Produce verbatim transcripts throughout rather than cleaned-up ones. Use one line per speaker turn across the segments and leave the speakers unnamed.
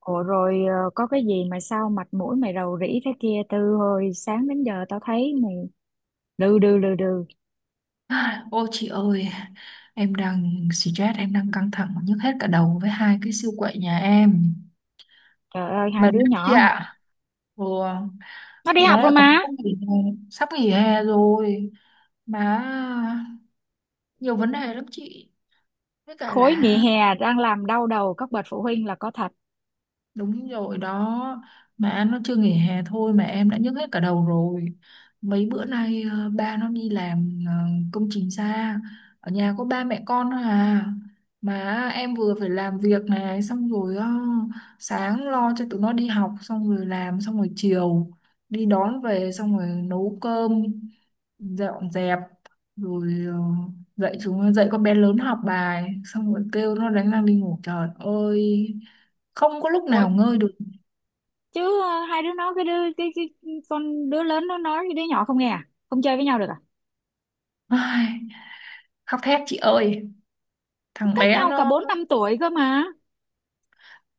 Ủa rồi ờ, có cái gì mà sao mặt mũi mày rầu rĩ thế kia? Từ hồi sáng đến giờ tao thấy mày đừ đừ đừ đừ.
Ô chị ơi, em đang stress, em đang căng thẳng nhức hết cả đầu với hai cái siêu quậy nhà em.
Trời ơi, hai
Mệt
đứa
lắm chị
nhỏ hả?
ạ. Ừ,
Nó đi
tụi nó
học rồi
lại còn
mà.
sắp nghỉ hè, sắp nghỉ hè rồi. Mà nhiều vấn đề lắm chị. Với cả
Khối nghỉ
là
hè đang làm đau đầu các bậc phụ huynh là có thật.
đúng rồi đó. Mà anh nó chưa nghỉ hè thôi mà em đã nhức hết cả đầu rồi. Mấy bữa nay ờ, ba nó đi làm, ờ, công trình xa. Ở nhà có ba mẹ con thôi à. Mà em vừa phải làm việc này xong rồi, ờ, sáng lo cho tụi nó đi học, xong rồi làm xong rồi chiều đi đón về, xong rồi nấu cơm, dọn dẹp, rồi ờ, dạy chúng dạy con bé lớn học bài, xong rồi kêu nó đánh răng đi ngủ. Trời ơi, không có lúc
Ôi,
nào ngơi được.
chứ ờ, hai đứa nó cái đứa cái, cái con đứa lớn nó nói với đứa nhỏ không nghe à? Không chơi với nhau được à?
Ai, khóc thét chị ơi,
Nó
thằng
cách
bé
nhau cả
nó
bốn năm tuổi cơ mà.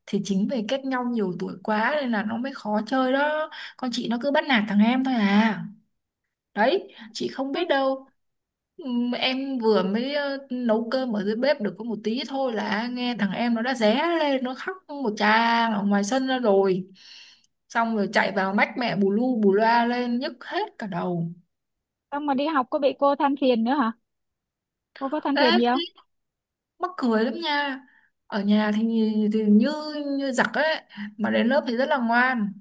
thì chính vì cách nhau nhiều tuổi quá nên là nó mới khó chơi đó. Con chị nó cứ bắt nạt thằng em thôi à, đấy chị không
Ê,
biết đâu. Ừm, em vừa mới ờ, nấu cơm ở dưới bếp được có một tí thôi là nghe thằng em nó đã ré lên, nó khóc một tràng ở ngoài sân ra rồi, xong rồi chạy vào mách mẹ bù lu bù loa lên, nhức hết cả đầu.
xong mà đi học có bị cô than phiền nữa hả? Cô có than
Ê
phiền gì không?
thế, mắc cười lắm nha. Ở nhà thì, thì như như giặc ấy, mà đến lớp thì rất là ngoan.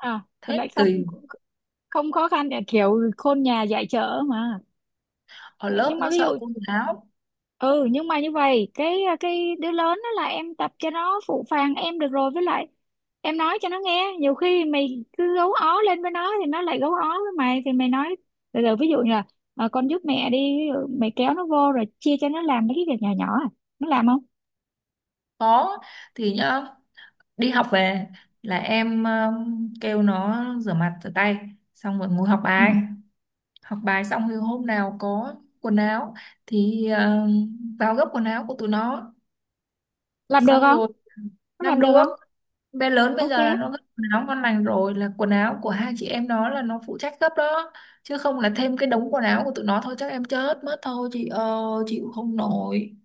À thì
Thế
lại không
tùy,
không khó khăn, kiểu khôn nhà dạy chợ mà.
ở lớp
Nhưng mà
nó
ví
sợ
dụ,
cô giáo.
ừ, nhưng mà như vậy cái à, cái đứa lớn đó là em tập cho nó phụ phàng em được rồi, với lại em nói cho nó nghe. Nhiều khi mày cứ gấu ó lên với nó thì nó lại gấu ó với mày, thì mày nói từ từ, ví dụ như là "Ờ, con giúp mẹ đi". Ví dụ mày kéo nó vô rồi chia cho nó làm mấy cái việc nhỏ nhỏ à. Nó làm không?
Có, thì nhá, đi học về là em um, kêu nó rửa mặt rửa tay, xong rồi ngồi học
Ừ.
bài. Học bài xong thì hôm nào có quần áo thì um, vào gấp quần áo của tụi nó.
Làm được
Xong
không?
rồi
Nó
làm
làm được
được,
không?
bé lớn bây
Ok.
giờ là nó gấp quần áo ngon lành rồi, là quần áo của hai chị em nó là nó phụ trách gấp đó. Chứ không là thêm cái đống quần áo của tụi nó thôi chắc em chết mất thôi chị ơi, chịu không nổi.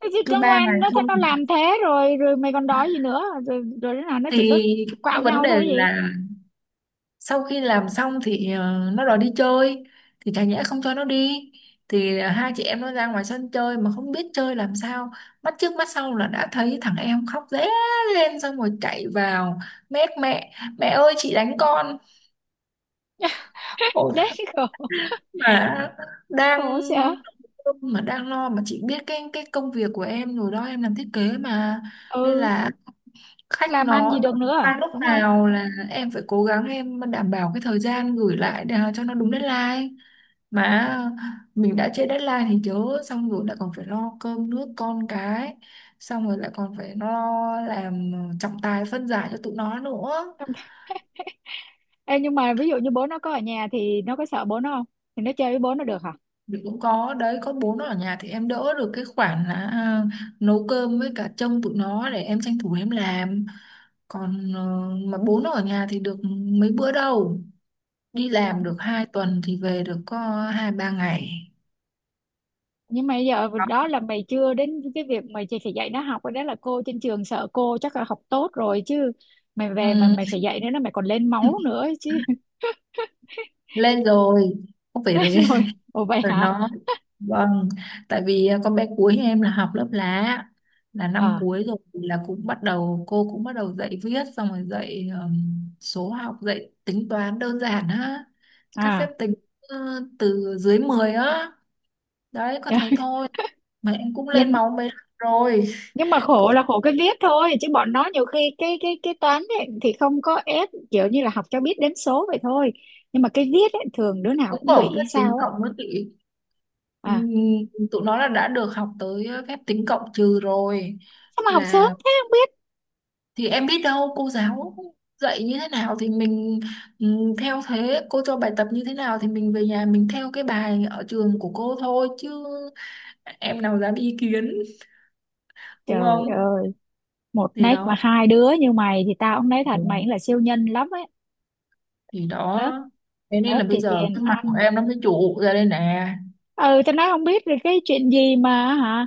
Thế chứ
Cứ
cứ
ba
ngoan,
ngày
nó thế
không
nó làm thế rồi, rồi mày còn đòi gì nữa? Rồi rồi đứa nào nó chỉ có
thì cái
quạo
vấn
nhau
đề
thôi gì.
là sau khi làm xong thì ờ, nó đòi đi chơi, thì chả nhẽ không cho nó đi. Thì ờ, hai chị em nó ra ngoài sân chơi mà không biết chơi làm sao, mắt trước mắt sau là đã thấy thằng em khóc ré lên xong rồi chạy vào mét mẹ, mẹ ơi chị đánh con. Ôi,
Đấy, khổ,
mà đang
khổ sợ.
mà đang lo mà chị biết cái cái công việc của em rồi đó, em làm thiết kế mà. Nên
Ừ,
là khách
làm ăn
nó
gì được
đòi
nữa à?
qua lúc
Đúng không?
nào là em phải cố gắng em đảm bảo cái thời gian gửi lại để cho nó đúng deadline. Mà mình đã trễ deadline thì chớ, xong rồi lại còn phải lo cơm nước con cái, xong rồi lại còn phải lo làm trọng tài phân giải cho tụi nó nữa.
Em nhưng mà ví dụ như bố nó có ở nhà thì nó có sợ bố nó không? Thì nó chơi với bố nó được hả?
Mình cũng có đấy, có bố nó ở nhà thì em đỡ được cái khoản là à, nấu cơm với cả trông tụi nó để em tranh thủ em làm. Còn ờ, mà bố nó ở nhà thì được mấy bữa đâu, đi
Ừ.
làm được hai tuần thì về được có hai ba ngày.
Nhưng mà bây giờ đó là mày chưa đến cái việc mày chỉ phải dạy nó học. Cái đó là cô trên trường, sợ cô chắc là học tốt rồi chứ. Mày
Ừ.
về mà mày phải dạy nữa là mày còn lên máu nữa ấy chứ.
Lên rồi, không phải rồi.
Thế rồi, ồ vậy
Rồi
hả?
nó, vâng, tại vì à, con bé cuối em là học lớp lá, là năm
À,
cuối rồi thì là cũng bắt đầu cô cũng bắt đầu dạy viết, xong rồi dạy ừm, số học, dạy tính toán đơn giản á, các phép
à.
tính, ờ, từ dưới mười á, đấy có thế thôi, mà em cũng lên
nhưng
máu mấy lần rồi.
nhưng mà khổ
Cũng
là khổ cái viết thôi, chứ bọn nó nhiều khi cái cái cái toán ấy, thì không có ép, kiểu như là học cho biết đếm số vậy thôi. Nhưng mà cái viết ấy, thường đứa nào
Cũng
cũng bị
có
hay
phép tính
sao á.
cộng với tỷ.
À,
Ừm, Tụi nó là đã được học tới phép tính cộng trừ rồi,
sao mà học sớm
là
thế không biết.
thì em biết đâu cô giáo dạy như thế nào thì mình ừm, theo thế, cô cho bài tập như thế nào thì mình về nhà mình theo cái bài ở trường của cô thôi chứ, em nào dám ý kiến, đúng
Trời
không.
ơi, một
Thì
nách
đó.
mà hai đứa như mày thì tao cũng nói
Ừ.
thật, mày cũng là siêu nhân lắm ấy.
Thì
Lớp,
đó, thế nên
lớp
là bây
thì
giờ
tiền
cái mặt của
ăn,
em nó mới trụ ra đây nè.
ừ tao nói không biết được cái chuyện gì mà hả.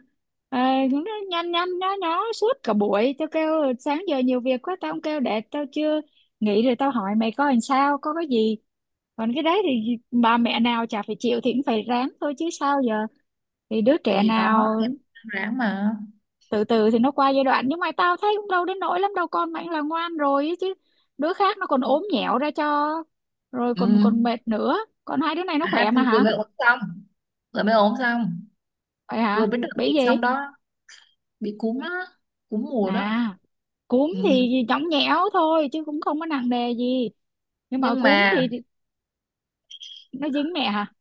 ờ, nó nhăn nhăn nhó nhó suốt cả buổi, tao kêu sáng giờ nhiều việc quá tao không kêu, để tao chưa, nghỉ rồi tao hỏi mày coi làm sao, có cái gì. Còn cái đấy thì bà mẹ nào chả phải chịu, thì cũng phải ráng thôi chứ sao giờ. Thì đứa trẻ
Thì đó,
nào,
em ráng mà.
từ từ thì nó qua giai đoạn. Nhưng mà tao thấy cũng đâu đến nỗi lắm đâu, con mày là ngoan rồi ấy chứ. Đứa khác nó còn ốm nhẹo ra cho, rồi
Ừ,
còn còn mệt nữa. Còn hai đứa này nó
à,
khỏe
thì
mà
vừa
hả?
mới ốm xong, vừa mới ốm xong,
Vậy hả?
vừa mới được
Bị
dịch
gì?
xong đó, bị cúm á, cúm mùa đó.
À, cúm
Ừ.
thì nhõng nhẽo thôi chứ cũng không có nặng nề gì. Nhưng mà
nhưng
cúm
mà
thì nó dính mẹ hả.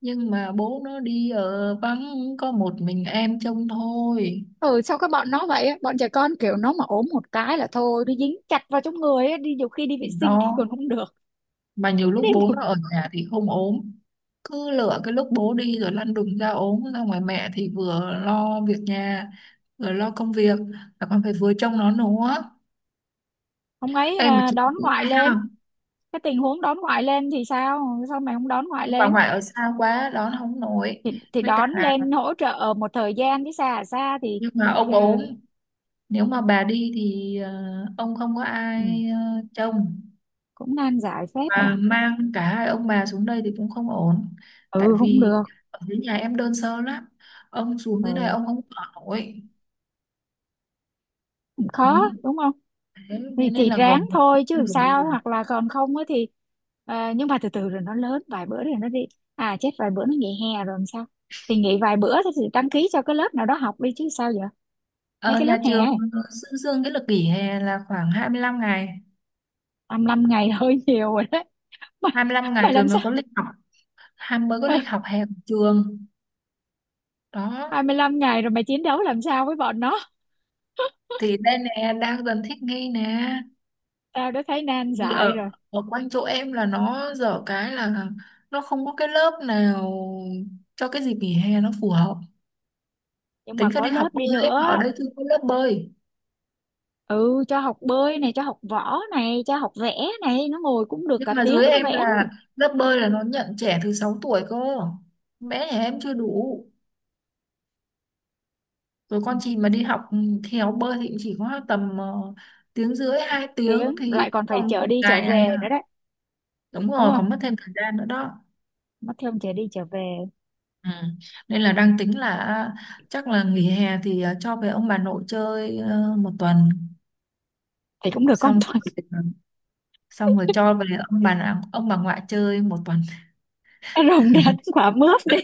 nhưng mà bố nó đi ở vắng có một mình em trông thôi.
Ừ, sao các bọn nó vậy á? Bọn trẻ con kiểu nó mà ốm một cái là thôi, nó dính chặt vào trong người á, đi nhiều khi đi vệ sinh thì
Đó,
còn không được.
mà nhiều
Nó
lúc
đi
bố
một
nó ở nhà thì không ốm, cứ lựa cái lúc bố đi rồi lăn đùng ra ốm, ra ngoài mẹ thì vừa lo việc nhà, vừa lo công việc, là còn phải vừa trông nó nữa.
ông ấy
Ê mà
à,
chị
đón
cũng
ngoại
hay
lên.
không,
Cái tình huống đón ngoại lên thì sao, sao mày không đón ngoại
ông bà
lên?
ngoại ở xa quá đón không nổi,
thì thì
với cả
đón lên hỗ trợ một thời gian chứ, xa à, xa thì
nhưng mà ông
ờ,
ốm. Nếu mà bà đi thì ờ, ông không có
ừ,
ai ờ, trông,
cũng nan giải phép
và
nhỉ.
mang cả hai ông bà xuống đây thì cũng không ổn. Tại
Ừ cũng
vì
được,
ở dưới nhà em đơn sơ lắm. Ông xuống
ừ,
dưới này ông không ở nổi.
cũng khó
Ừ.
đúng không?
Thế thế
Thì
nên
thì
là
ráng
gồng mình.
thôi chứ làm sao, hoặc là còn không á thì ờ, nhưng mà từ từ rồi nó lớn, vài bữa rồi nó đi. À chết, vài bữa nó nghỉ hè rồi làm sao? Thì nghỉ vài bữa thì đăng ký cho cái lớp nào đó học đi chứ sao giờ. Mấy
Ờ,
cái lớp
nhà
hè.
trường dương dương cái lịch nghỉ hè là khoảng hai mươi lăm ngày.
hai lăm ngày hơi nhiều rồi đấy. mày,
hai mươi lăm
mày
ngày rồi
làm
mới
sao
có lịch học, hai mới có lịch học hè của trường. Đó.
hai mươi lăm ngày rồi mày chiến đấu làm sao với bọn nó?
Thì đây nè đang dần thích nghi nè.
Tao đã thấy nan
Vì
giải
ở
rồi.
ở quanh chỗ em là nó dở cái là nó không có cái lớp nào cho cái dịp nghỉ hè nó phù hợp.
Nhưng
Tính
mà
ra
có
đi
lớp
học
đi
bơi, em ở
nữa,
đây chưa có lớp bơi.
ừ, cho học bơi này, cho học võ này, cho học vẽ này, nó ngồi cũng được
Nhưng
cả
mà
tiếng
dưới
nó
em
vẽ đấy.
là lớp bơi là nó nhận trẻ từ sáu tuổi cơ, bé nhà em chưa đủ. Rồi con chị mà đi học theo bơi thì cũng chỉ có tầm ờ, tiếng rưỡi hai tiếng
Tiếng
thì
lại còn phải
còn
chở
một
đi chở
ngày này
về nữa
à.
đấy,
Đúng
đúng
rồi,
không?
còn mất thêm thời gian nữa đó.
Nó thêm chở đi chở về.
Ừ. Nên là đang tính là chắc là nghỉ hè thì ờ, cho về ông bà nội chơi ờ, một tuần,
Thì cũng được con
xong,
Thuận.
xong rồi cho về ông bà ông bà ngoại chơi một tuần.
Nó rồng đến quả mướp đi.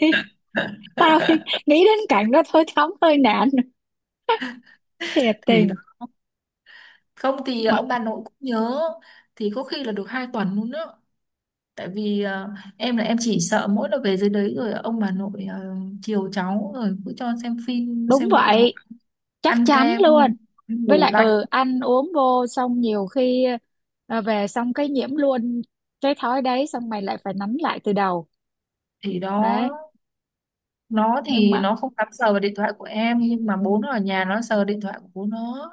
Tao nghĩ đến cảnh đó thôi thấm hơi nản, thiệt
Thì đó.
tình
Không thì ờ,
mà.
ông bà nội cũng nhớ, thì có khi là được hai tuần luôn đó. Tại vì ờ, em là em chỉ sợ mỗi lần về dưới đấy rồi ông bà nội ờ, chiều cháu rồi cứ cho xem phim
Đúng
xem điện thoại,
vậy, chắc
ăn
chắn
kem,
luôn.
ăn
Với
đồ
lại
lạnh.
ừ ăn uống vô xong nhiều khi ờ, về xong cái nhiễm luôn cái thói đấy, xong mày lại phải nắn lại từ đầu.
Thì đó,
Đấy,
nó
nhưng
thì
mà
nó không dám sờ vào điện thoại của em nhưng mà bố nó ở nhà nó sờ điện thoại của bố nó.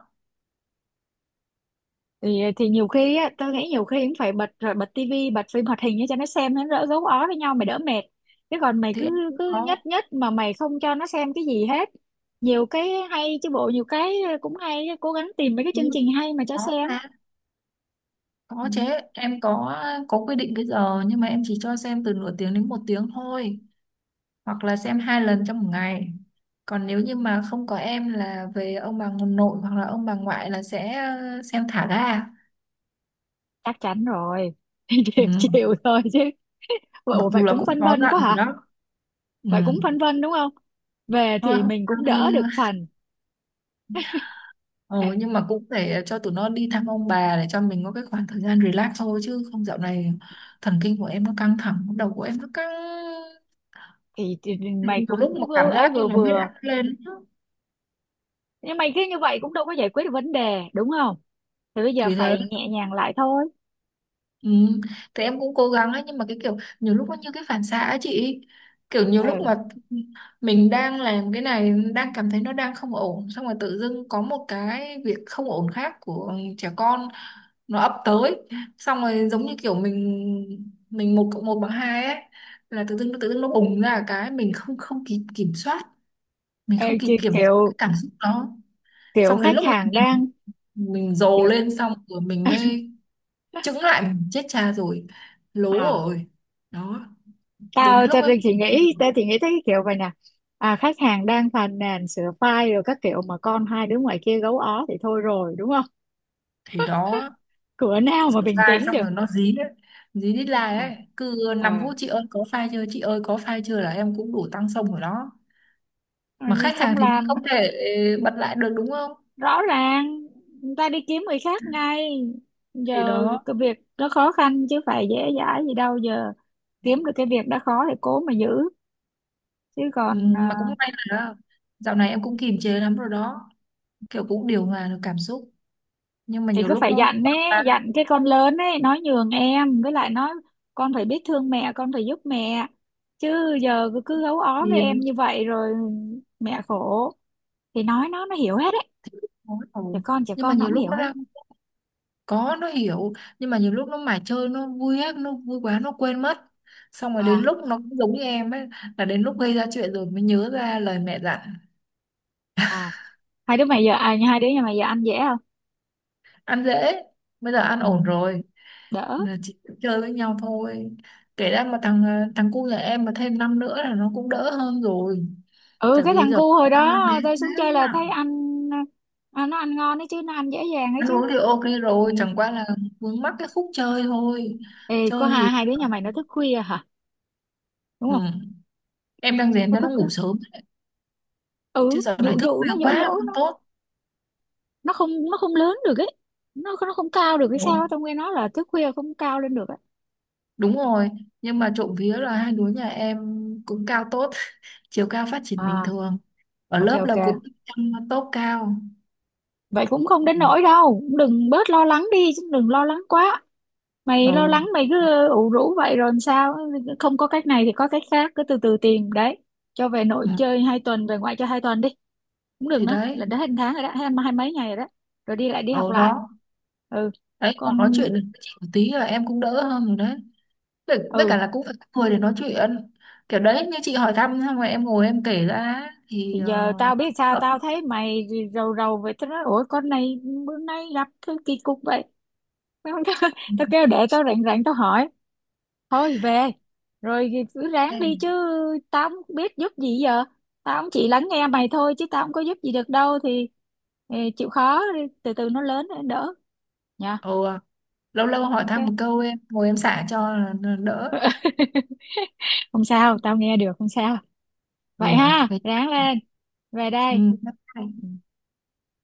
thì thì nhiều khi á tao nghĩ nhiều khi cũng phải bật, rồi bật tivi, bật phim hoạt hình cho nó xem, nó đỡ gấu ó với nhau, mày đỡ mệt. Chứ còn mày
Thì em
cứ
cũng
cứ nhất
có.
nhất mà mày không cho nó xem cái gì hết. Nhiều cái hay chứ bộ, nhiều cái cũng hay, cố gắng tìm mấy cái
Ừ,
chương trình hay mà cho
có,
xem.
à,
Ừ,
có chứ, em có có quy định cái giờ, nhưng mà em chỉ cho xem từ nửa tiếng đến một tiếng thôi, hoặc là xem hai lần trong một ngày. Còn nếu như mà không có em là về ông bà nội hoặc là ông bà ngoại là sẽ ờ, xem thả ga.
chắc chắn rồi.
Ừ.
Chịu chịu thôi chứ.
Mặc
Ủa vậy
dù là
cũng
cũng
phân
có
vân
dặn
quá
rồi
hả?
đó. Ừ.
Vậy cũng phân vân đúng không? Về
Thôi
thì
hôm
mình
sau
cũng
đi.
đỡ
ờ,
được phần.
Ờ, nhưng mà cũng để cho tụi nó đi thăm ông bà để cho mình có cái khoảng thời gian relax thôi chứ không, dạo này thần kinh của em nó căng thẳng, đầu của em nó căng.
thì, thì mày
Đến từ lúc
cũng
mà
vừa-
cảm
ấy,
giác như
vừa
nó huyết
vừa.
áp lên.
Nhưng mày cứ như vậy cũng đâu có giải quyết được vấn đề đúng không? Thì bây giờ
Thì thế.
phải nhẹ nhàng lại thôi.
Ừ. Thì em cũng cố gắng ấy nhưng mà cái kiểu nhiều lúc nó như cái phản xạ ấy chị, kiểu nhiều lúc
Ừ.
mà mình đang làm cái này đang cảm thấy nó đang không ổn, xong rồi tự dưng có một cái việc không ổn khác của trẻ con nó ập tới, xong rồi giống như kiểu mình mình một cộng một bằng hai ấy, là tự dưng tự dưng nó bùng ra cái mình không không kịp kiểm soát, mình
Ê,
không kịp
ki-
kiểm
kiểu,
soát cái cảm xúc đó.
kiểu
Xong đến
khách
lúc
hàng đang,
mình mình, mình dồn
kiểu
lên xong rồi mình mới chững lại, mình chết cha rồi, lố
à,
rồi. Đó, đến
tao
cái lúc
tao
ấy.
thì nghĩ, tao thì nghĩ thấy cái kiểu vậy nè. À, khách hàng đang phàn nàn sửa file rồi các kiểu mà con hai đứa ngoài kia gấu ó thì thôi rồi đúng không?
Thì đó,
Cửa nào mà
sửa
bình
sai
tĩnh
xong
được.
rồi nó dí đấy, dí đít lai
À.
ấy, cứ năm
Ờ,
phút chị ơi có file chưa, chị ơi có file chưa, là em cũng đủ tăng xong rồi đó.
ờ,
Mà khách hàng
không
thì mình
làm,
không thể bật lại được, đúng không.
rõ ràng người ta đi kiếm người khác ngay.
Thì
Giờ
đó.
cái việc nó khó khăn chứ phải dễ dãi gì đâu giờ. Kiếm được cái việc đã khó thì cố mà giữ, chứ
Ừ,
còn
mà cũng
à,
may là dạo này em cũng kiềm chế lắm rồi đó, kiểu cũng điều hòa được cảm xúc, nhưng mà
thì
nhiều
cứ
lúc
phải
nó
dặn
quá
ấy,
quá
dặn cái con lớn ấy, nói nhường em, với lại nói con phải biết thương mẹ, con phải giúp mẹ, chứ giờ cứ cứ gấu ó
thì
với em như vậy rồi mẹ khổ. Thì nói nó nó hiểu hết đấy,
thôi
trẻ
rồi.
con trẻ
Nhưng mà
con nó
nhiều
cũng
lúc
hiểu
nó
hết.
ra có, nó hiểu. Nhưng mà nhiều lúc nó mải chơi, nó vui á, nó vui quá, nó quên mất. Xong rồi đến
À,
lúc nó cũng giống như em ấy, là đến lúc gây ra chuyện rồi mới nhớ ra lời mẹ dặn.
à, hai đứa mày giờ, à hai đứa nhà mày giờ ăn dễ không?
Ăn dễ, bây giờ ăn
Ừ,
ổn rồi.
đỡ.
Là chỉ chơi với nhau thôi. Kể ra mà thằng ờ, thằng cu nhà em mà thêm năm nữa là nó cũng đỡ hơn rồi.
Ừ,
Tại
cái
vì
thằng
giờ
cu hồi
tao là bé
đó tôi
thế
xuống chơi là
à.
thấy anh, à, nó ăn ngon đấy chứ, nó ăn dễ dàng đấy
Ăn
chứ.
uống thì ok
Ừ.
rồi, chẳng qua là vướng mắc cái khúc chơi thôi.
Ê có
Chơi thì...
hai hai đứa nhà mày nó thức khuya hả? Đúng
Ừ.
không?
Em đang rèn
Nó
cho nó
thức khuya.
ngủ sớm, chứ
Ừ,
giờ này
dụ
thức
dụ nó,
khuya
dỗ
quá
dỗ
không
nó.
tốt.
Nó không, nó không lớn được ấy. nó nó không cao được cái sao
Ồ,
á. Tao nghe nói là thức khuya không cao lên được ấy.
đúng rồi, nhưng mà trộm vía là hai đứa nhà em cũng cao tốt, chiều cao phát triển bình
À,
thường, ở
ok
lớp là
ok,
cũng trong top cao.
vậy cũng không đến nỗi đâu, cũng đừng, bớt lo lắng đi chứ, đừng lo lắng quá. Mày lo
Ừ.
lắng mày cứ ủ rũ vậy rồi làm sao. Không có cách này thì có cách khác, cứ từ từ tìm đấy. Cho về nội
Ừ.
chơi hai tuần, về ngoại chơi hai tuần đi, cũng được.
Thì
Nữa
đấy,
là đã hết một tháng rồi đó, hết hai mấy ngày rồi đó, rồi đi lại, đi học
ở
lại.
đó,
Ừ,
đấy còn nói
con.
chuyện được với chị một tí là em cũng đỡ hơn rồi đấy. Với, với cả
Ừ
là cũng phải có người để nói chuyện, kiểu đấy, như chị hỏi thăm xong rồi em ngồi em kể ra thì
thì
ờ,
giờ tao biết
nó
sao,
đỡ.
tao thấy mày rầu rầu vậy tao nói, ủa con này bữa nay gặp cái kỳ cục vậy.
Ừ.
Tao kêu để tao rảnh rảnh tao hỏi. Thôi về rồi thì cứ ráng đi
Ok.
chứ, tao không biết giúp gì giờ. Tao cũng chỉ lắng nghe mày thôi chứ tao không có giúp gì được đâu. Thì ờ, chịu khó đi, từ từ nó lớn nó đỡ nha.
Ừ, lâu lâu hỏi thăm một
Ok.
câu em ngồi em xả cho là là đỡ.
Không sao, tao nghe được, không sao.
Ừ.
Vậy ha, ráng lên, về
Ừ,
đây.
bye bye.
Ừ.